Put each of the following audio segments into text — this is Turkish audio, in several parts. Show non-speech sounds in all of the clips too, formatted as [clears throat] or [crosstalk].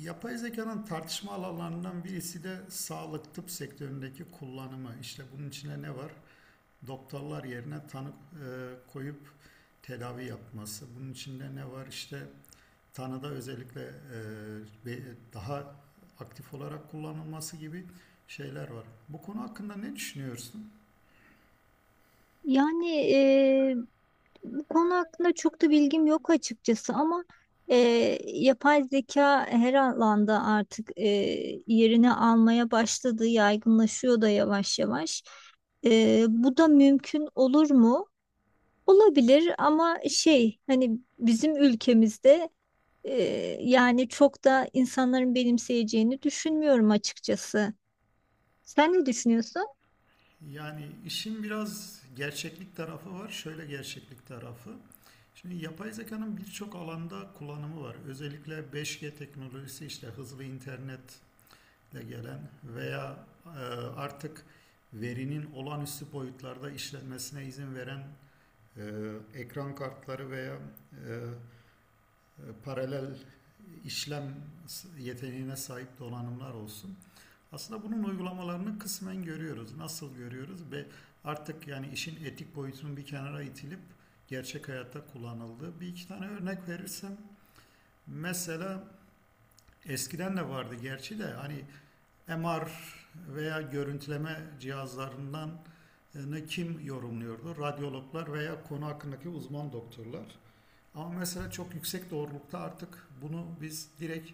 Yapay zekanın tartışma alanlarından birisi de sağlık tıp sektöründeki kullanımı. İşte bunun içine ne var? Doktorlar yerine tanı koyup tedavi yapması. Bunun içinde ne var? İşte tanıda özellikle daha aktif olarak kullanılması gibi şeyler var. Bu konu hakkında ne düşünüyorsun? Yani eee, bu konu hakkında çok da bilgim yok açıkçası ama yapay zeka her alanda artık yerini almaya başladı, yaygınlaşıyor da yavaş yavaş. Bu da mümkün olur mu? Olabilir ama şey hani bizim ülkemizde yani çok da insanların benimseyeceğini düşünmüyorum açıkçası. Sen ne düşünüyorsun? Yani işin biraz gerçeklik tarafı var. Şöyle gerçeklik tarafı. Şimdi yapay zekanın birçok alanda kullanımı var. Özellikle 5G teknolojisi işte hızlı internetle gelen veya artık verinin olağanüstü boyutlarda işlenmesine izin veren ekran kartları veya e, e, paralel işlem yeteneğine sahip donanımlar olsun. Aslında bunun uygulamalarını kısmen görüyoruz. Nasıl görüyoruz ve artık yani işin etik boyutunun bir kenara itilip gerçek hayatta kullanıldığı bir iki tane örnek verirsem mesela eskiden de vardı gerçi de hani MR veya görüntüleme cihazlarından ne kim yorumluyordu? Radyologlar veya konu hakkındaki uzman doktorlar. Ama mesela çok yüksek doğrulukta artık bunu biz direkt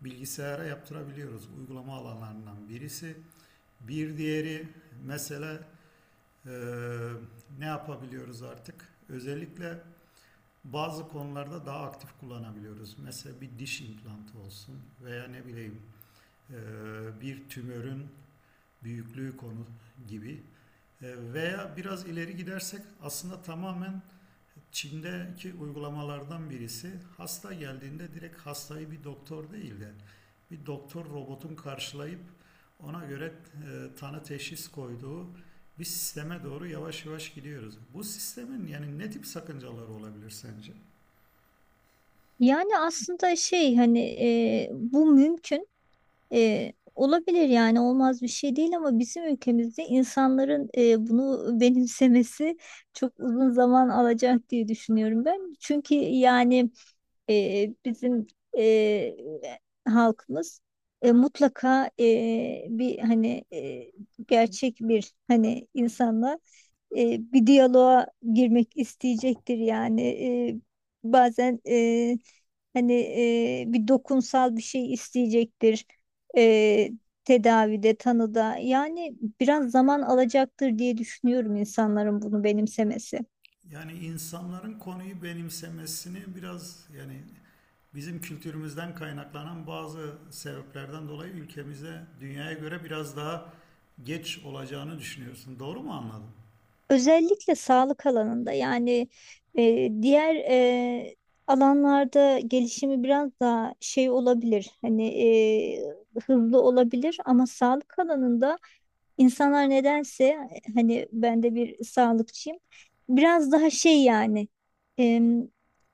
bilgisayara yaptırabiliyoruz. Uygulama alanlarından birisi. Bir diğeri mesele e, ne yapabiliyoruz artık? Özellikle bazı konularda daha aktif kullanabiliyoruz. Mesela bir diş implantı olsun veya ne bileyim e, bir tümörün büyüklüğü konu gibi. Veya biraz ileri gidersek aslında tamamen Çin'deki uygulamalardan birisi hasta geldiğinde direkt hastayı bir doktor değil de bir doktor robotun karşılayıp ona göre tanı teşhis koyduğu bir sisteme doğru yavaş yavaş gidiyoruz. Bu sistemin yani ne tip sakıncaları olabilir sence? Yani aslında şey hani bu mümkün. Olabilir yani olmaz bir şey değil ama bizim ülkemizde insanların bunu benimsemesi çok uzun zaman alacak diye düşünüyorum ben. Çünkü yani bizim e, halkımız mutlaka bir hani gerçek bir hani insanla bir diyaloğa girmek isteyecektir yani. Bazen hani bir dokunsal bir şey isteyecektir e, tedavide tanıda yani biraz zaman alacaktır diye düşünüyorum insanların bunu benimsemesi. Yani insanların konuyu benimsemesini biraz yani bizim kültürümüzden kaynaklanan bazı sebeplerden dolayı ülkemize dünyaya göre biraz daha geç olacağını düşünüyorsun. Doğru mu anladım? Özellikle sağlık alanında yani diğer alanlarda gelişimi biraz daha şey olabilir hani hızlı olabilir ama sağlık alanında İnsanlar nedense hani ben de bir sağlıkçıyım. Biraz daha şey yani em,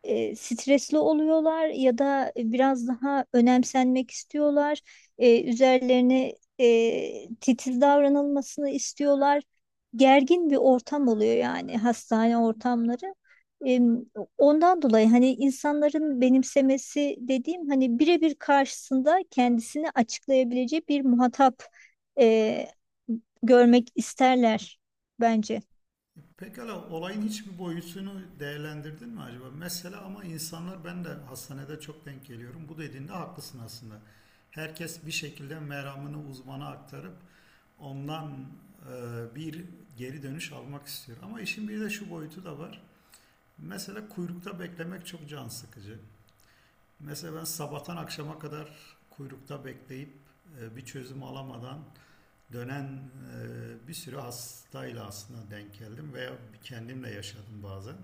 stresli oluyorlar ya da biraz daha önemsenmek istiyorlar. Üzerlerine titiz davranılmasını istiyorlar. Gergin bir ortam oluyor yani hastane ortamları. Em, Ondan dolayı hani insanların benimsemesi dediğim hani birebir karşısında kendisini açıklayabileceği bir muhatap e, görmek isterler bence. Pekala olayın hiçbir boyutunu değerlendirdin mi acaba? Mesela ama insanlar ben de hastanede çok denk geliyorum. Bu dediğinde haklısın aslında. Herkes bir şekilde meramını uzmana aktarıp ondan e, bir geri dönüş almak istiyor. Ama işin bir de şu boyutu da var. Mesela kuyrukta beklemek çok can sıkıcı. Mesela ben sabahtan akşama kadar kuyrukta bekleyip bir çözüm alamadan dönen bir sürü hastayla aslında denk geldim veya kendimle yaşadım bazen.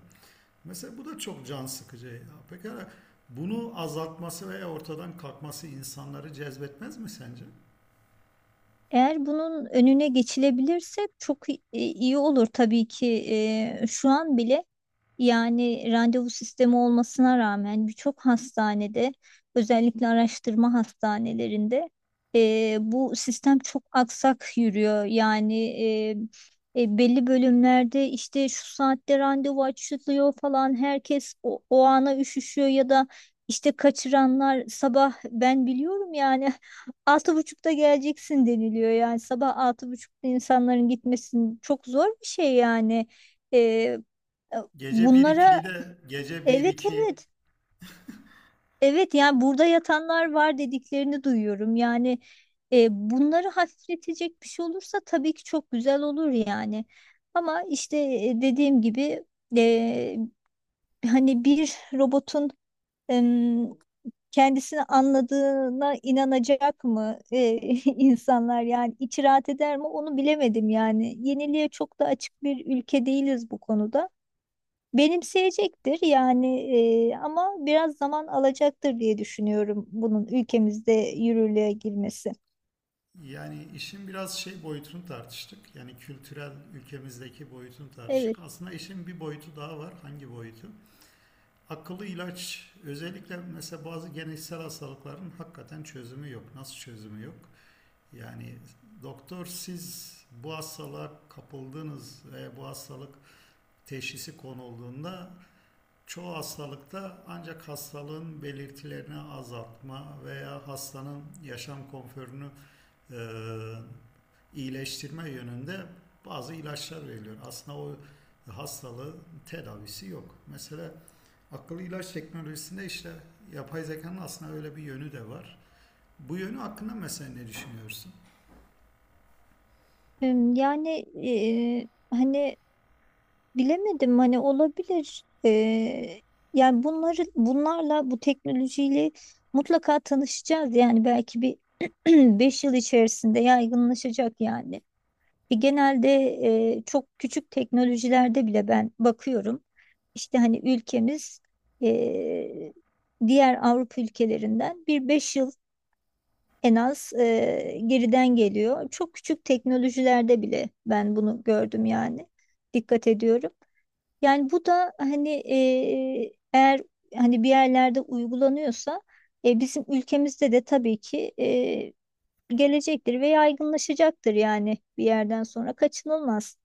Mesela bu da çok can sıkıcı. Pekala bunu azaltması veya ortadan kalkması insanları cezbetmez mi sence? Eğer bunun önüne geçilebilirse çok iyi olur tabii ki. Şu an bile yani randevu sistemi olmasına rağmen birçok hastanede özellikle araştırma hastanelerinde bu sistem çok aksak yürüyor. Yani belli bölümlerde işte şu saatte randevu açılıyor falan herkes o ana üşüşüyor ya da işte kaçıranlar sabah ben biliyorum yani [laughs] 6.30'da geleceksin deniliyor. Yani sabah 6.30'da insanların gitmesinin çok zor bir şey yani. Ee, Gece bir Bunlara 2'yi de gece bir evet, iki evet, evet. Yani burada yatanlar var dediklerini duyuyorum. Yani bunları hafifletecek bir şey olursa tabii ki çok güzel olur yani. Ama işte dediğim gibi e, hani bir robotun kendisini anladığına inanacak mı [laughs] insanlar, yani içi rahat eder mi onu bilemedim yani. Yeniliğe çok da açık bir ülke değiliz bu konuda. Benimseyecektir yani ama biraz zaman alacaktır diye düşünüyorum bunun ülkemizde yürürlüğe girmesi. yani işin biraz şey boyutunu tartıştık. Yani kültürel ülkemizdeki boyutunu Evet. tartıştık. Aslında işin bir boyutu daha var. Hangi boyutu? Akıllı ilaç özellikle mesela bazı genetiksel hastalıkların hakikaten çözümü yok. Nasıl çözümü yok? Yani doktor siz bu hastalığa kapıldınız ve bu hastalık teşhisi konulduğunda çoğu hastalıkta ancak hastalığın belirtilerini azaltma veya hastanın yaşam konforunu e, iyileştirme yönünde bazı ilaçlar veriliyor. Aslında o hastalığın tedavisi yok. Mesela akıllı ilaç teknolojisinde işte yapay zekanın aslında öyle bir yönü de var. Bu yönü hakkında mesela ne düşünüyorsun? Yani e, hani bilemedim, hani olabilir. Yani bunlarla bu teknolojiyle mutlaka tanışacağız. Yani belki bir [clears throat] 5 yıl içerisinde yaygınlaşacak yani. Genelde çok küçük teknolojilerde bile ben bakıyorum. İşte hani ülkemiz e, diğer Avrupa ülkelerinden bir 5 yıl en az geriden geliyor. Çok küçük teknolojilerde bile ben bunu gördüm yani. Dikkat ediyorum. Yani bu da hani eğer hani bir yerlerde uygulanıyorsa bizim ülkemizde de tabii ki gelecektir ve yaygınlaşacaktır yani bir yerden sonra kaçınılmaz.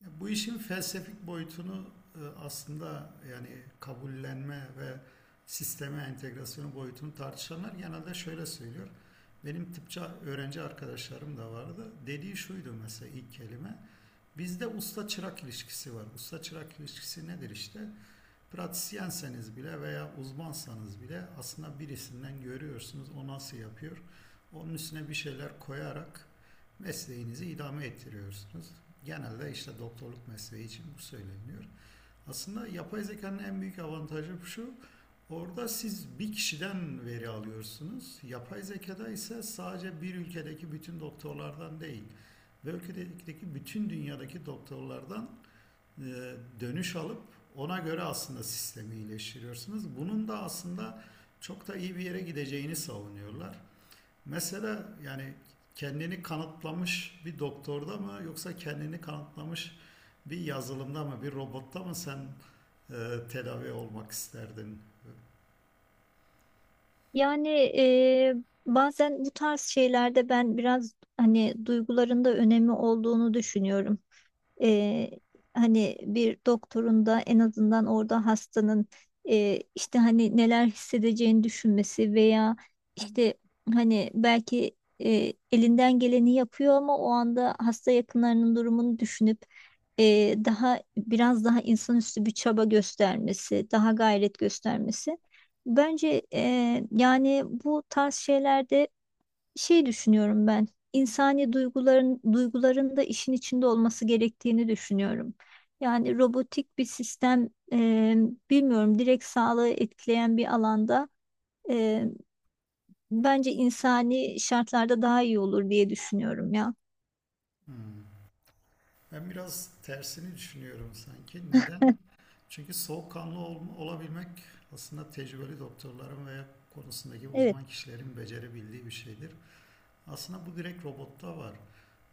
Bu işin felsefik boyutunu aslında yani kabullenme ve sisteme entegrasyonu boyutunu tartışanlar genelde şöyle söylüyor. Benim tıpçı öğrenci arkadaşlarım da vardı. Dediği şuydu mesela ilk kelime. Bizde usta çırak ilişkisi var. Usta çırak ilişkisi nedir işte? Pratisyenseniz bile veya uzmansanız bile aslında birisinden görüyorsunuz o nasıl yapıyor. Onun üstüne bir şeyler koyarak mesleğinizi idame ettiriyorsunuz. Genelde işte doktorluk mesleği için bu söyleniyor. Aslında yapay zekanın en büyük avantajı şu. Orada siz bir kişiden veri alıyorsunuz. Yapay zekada ise sadece bir ülkedeki bütün doktorlardan değil, ve ülkedeki bütün dünyadaki doktorlardan e, dönüş alıp ona göre aslında sistemi iyileştiriyorsunuz. Bunun da aslında çok da iyi bir yere gideceğini savunuyorlar. Mesela yani kendini kanıtlamış bir doktorda mı yoksa kendini kanıtlamış bir yazılımda mı bir robotta mı sen tedavi olmak isterdin? Yani bazen bu tarz şeylerde ben biraz hani duyguların da önemi olduğunu düşünüyorum. Eee, Hani bir doktorun da en azından orada hastanın işte hani neler hissedeceğini düşünmesi veya işte hani belki elinden geleni yapıyor ama o anda hasta yakınlarının durumunu düşünüp, daha biraz daha insanüstü bir çaba göstermesi, daha gayret göstermesi. Bence yani bu tarz şeylerde şey düşünüyorum ben. İnsani duyguların da işin içinde olması gerektiğini düşünüyorum. Yani robotik bir sistem, bilmiyorum, direkt sağlığı etkileyen bir alanda e, bence insani şartlarda daha iyi olur diye düşünüyorum ya. Hmm. Ben biraz tersini düşünüyorum sanki. Neden? Çünkü olabilmek aslında tecrübeli doktorların veya konusundaki Evet. uzman kişilerin becerebildiği bir şeydir. Aslında bu direkt robotta var.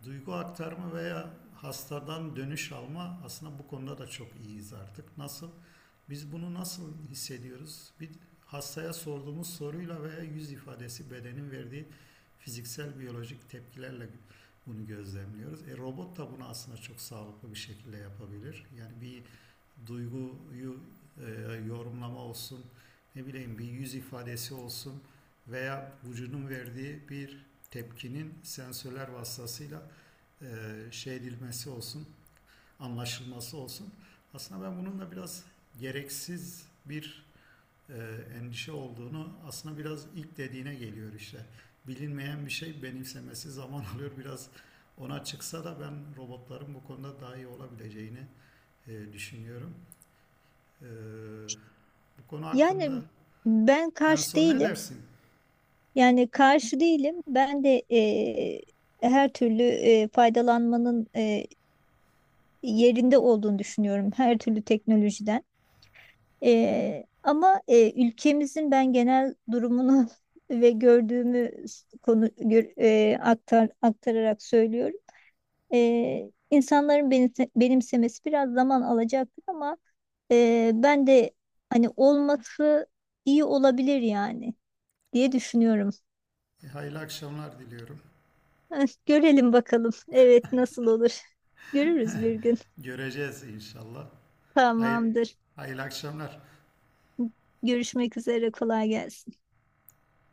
Duygu aktarma veya hastadan dönüş alma aslında bu konuda da çok iyiyiz artık. Nasıl? Biz bunu nasıl hissediyoruz? Bir hastaya sorduğumuz soruyla veya yüz ifadesi bedenin verdiği fiziksel biyolojik tepkilerle bunu gözlemliyoruz. E robot da bunu aslında çok sağlıklı bir şekilde yapabilir. Yani bir duyguyu e, yorumlama olsun, ne bileyim bir yüz ifadesi olsun veya vücudun verdiği bir tepkinin sensörler vasıtasıyla e, şey edilmesi olsun, anlaşılması olsun. Aslında ben bunun da biraz gereksiz bir e, endişe olduğunu aslında biraz ilk dediğine geliyor işte. Bilinmeyen bir şey benimsemesi zaman [laughs] alıyor biraz ona çıksa da ben robotların bu konuda daha iyi olabileceğini düşünüyorum. Ee, Bu konu hakkında Yani ben en karşı son ne değilim. dersin? Yani karşı değilim. Ben de her türlü faydalanmanın yerinde olduğunu düşünüyorum. Her türlü teknolojiden. Ama ülkemizin ben genel durumunu [laughs] ve gördüğümü s- konu gör- e, aktar, aktararak söylüyorum. İnsanların benimsemesi biraz zaman alacaktır ama ben de hani olması iyi olabilir yani diye düşünüyorum. Hayırlı akşamlar diliyorum. [laughs] Görelim bakalım. Evet, nasıl olur? [laughs] Görürüz bir gün. Göreceğiz inşallah. Hayır, Tamamdır. hayırlı akşamlar. Görüşmek üzere. Kolay gelsin.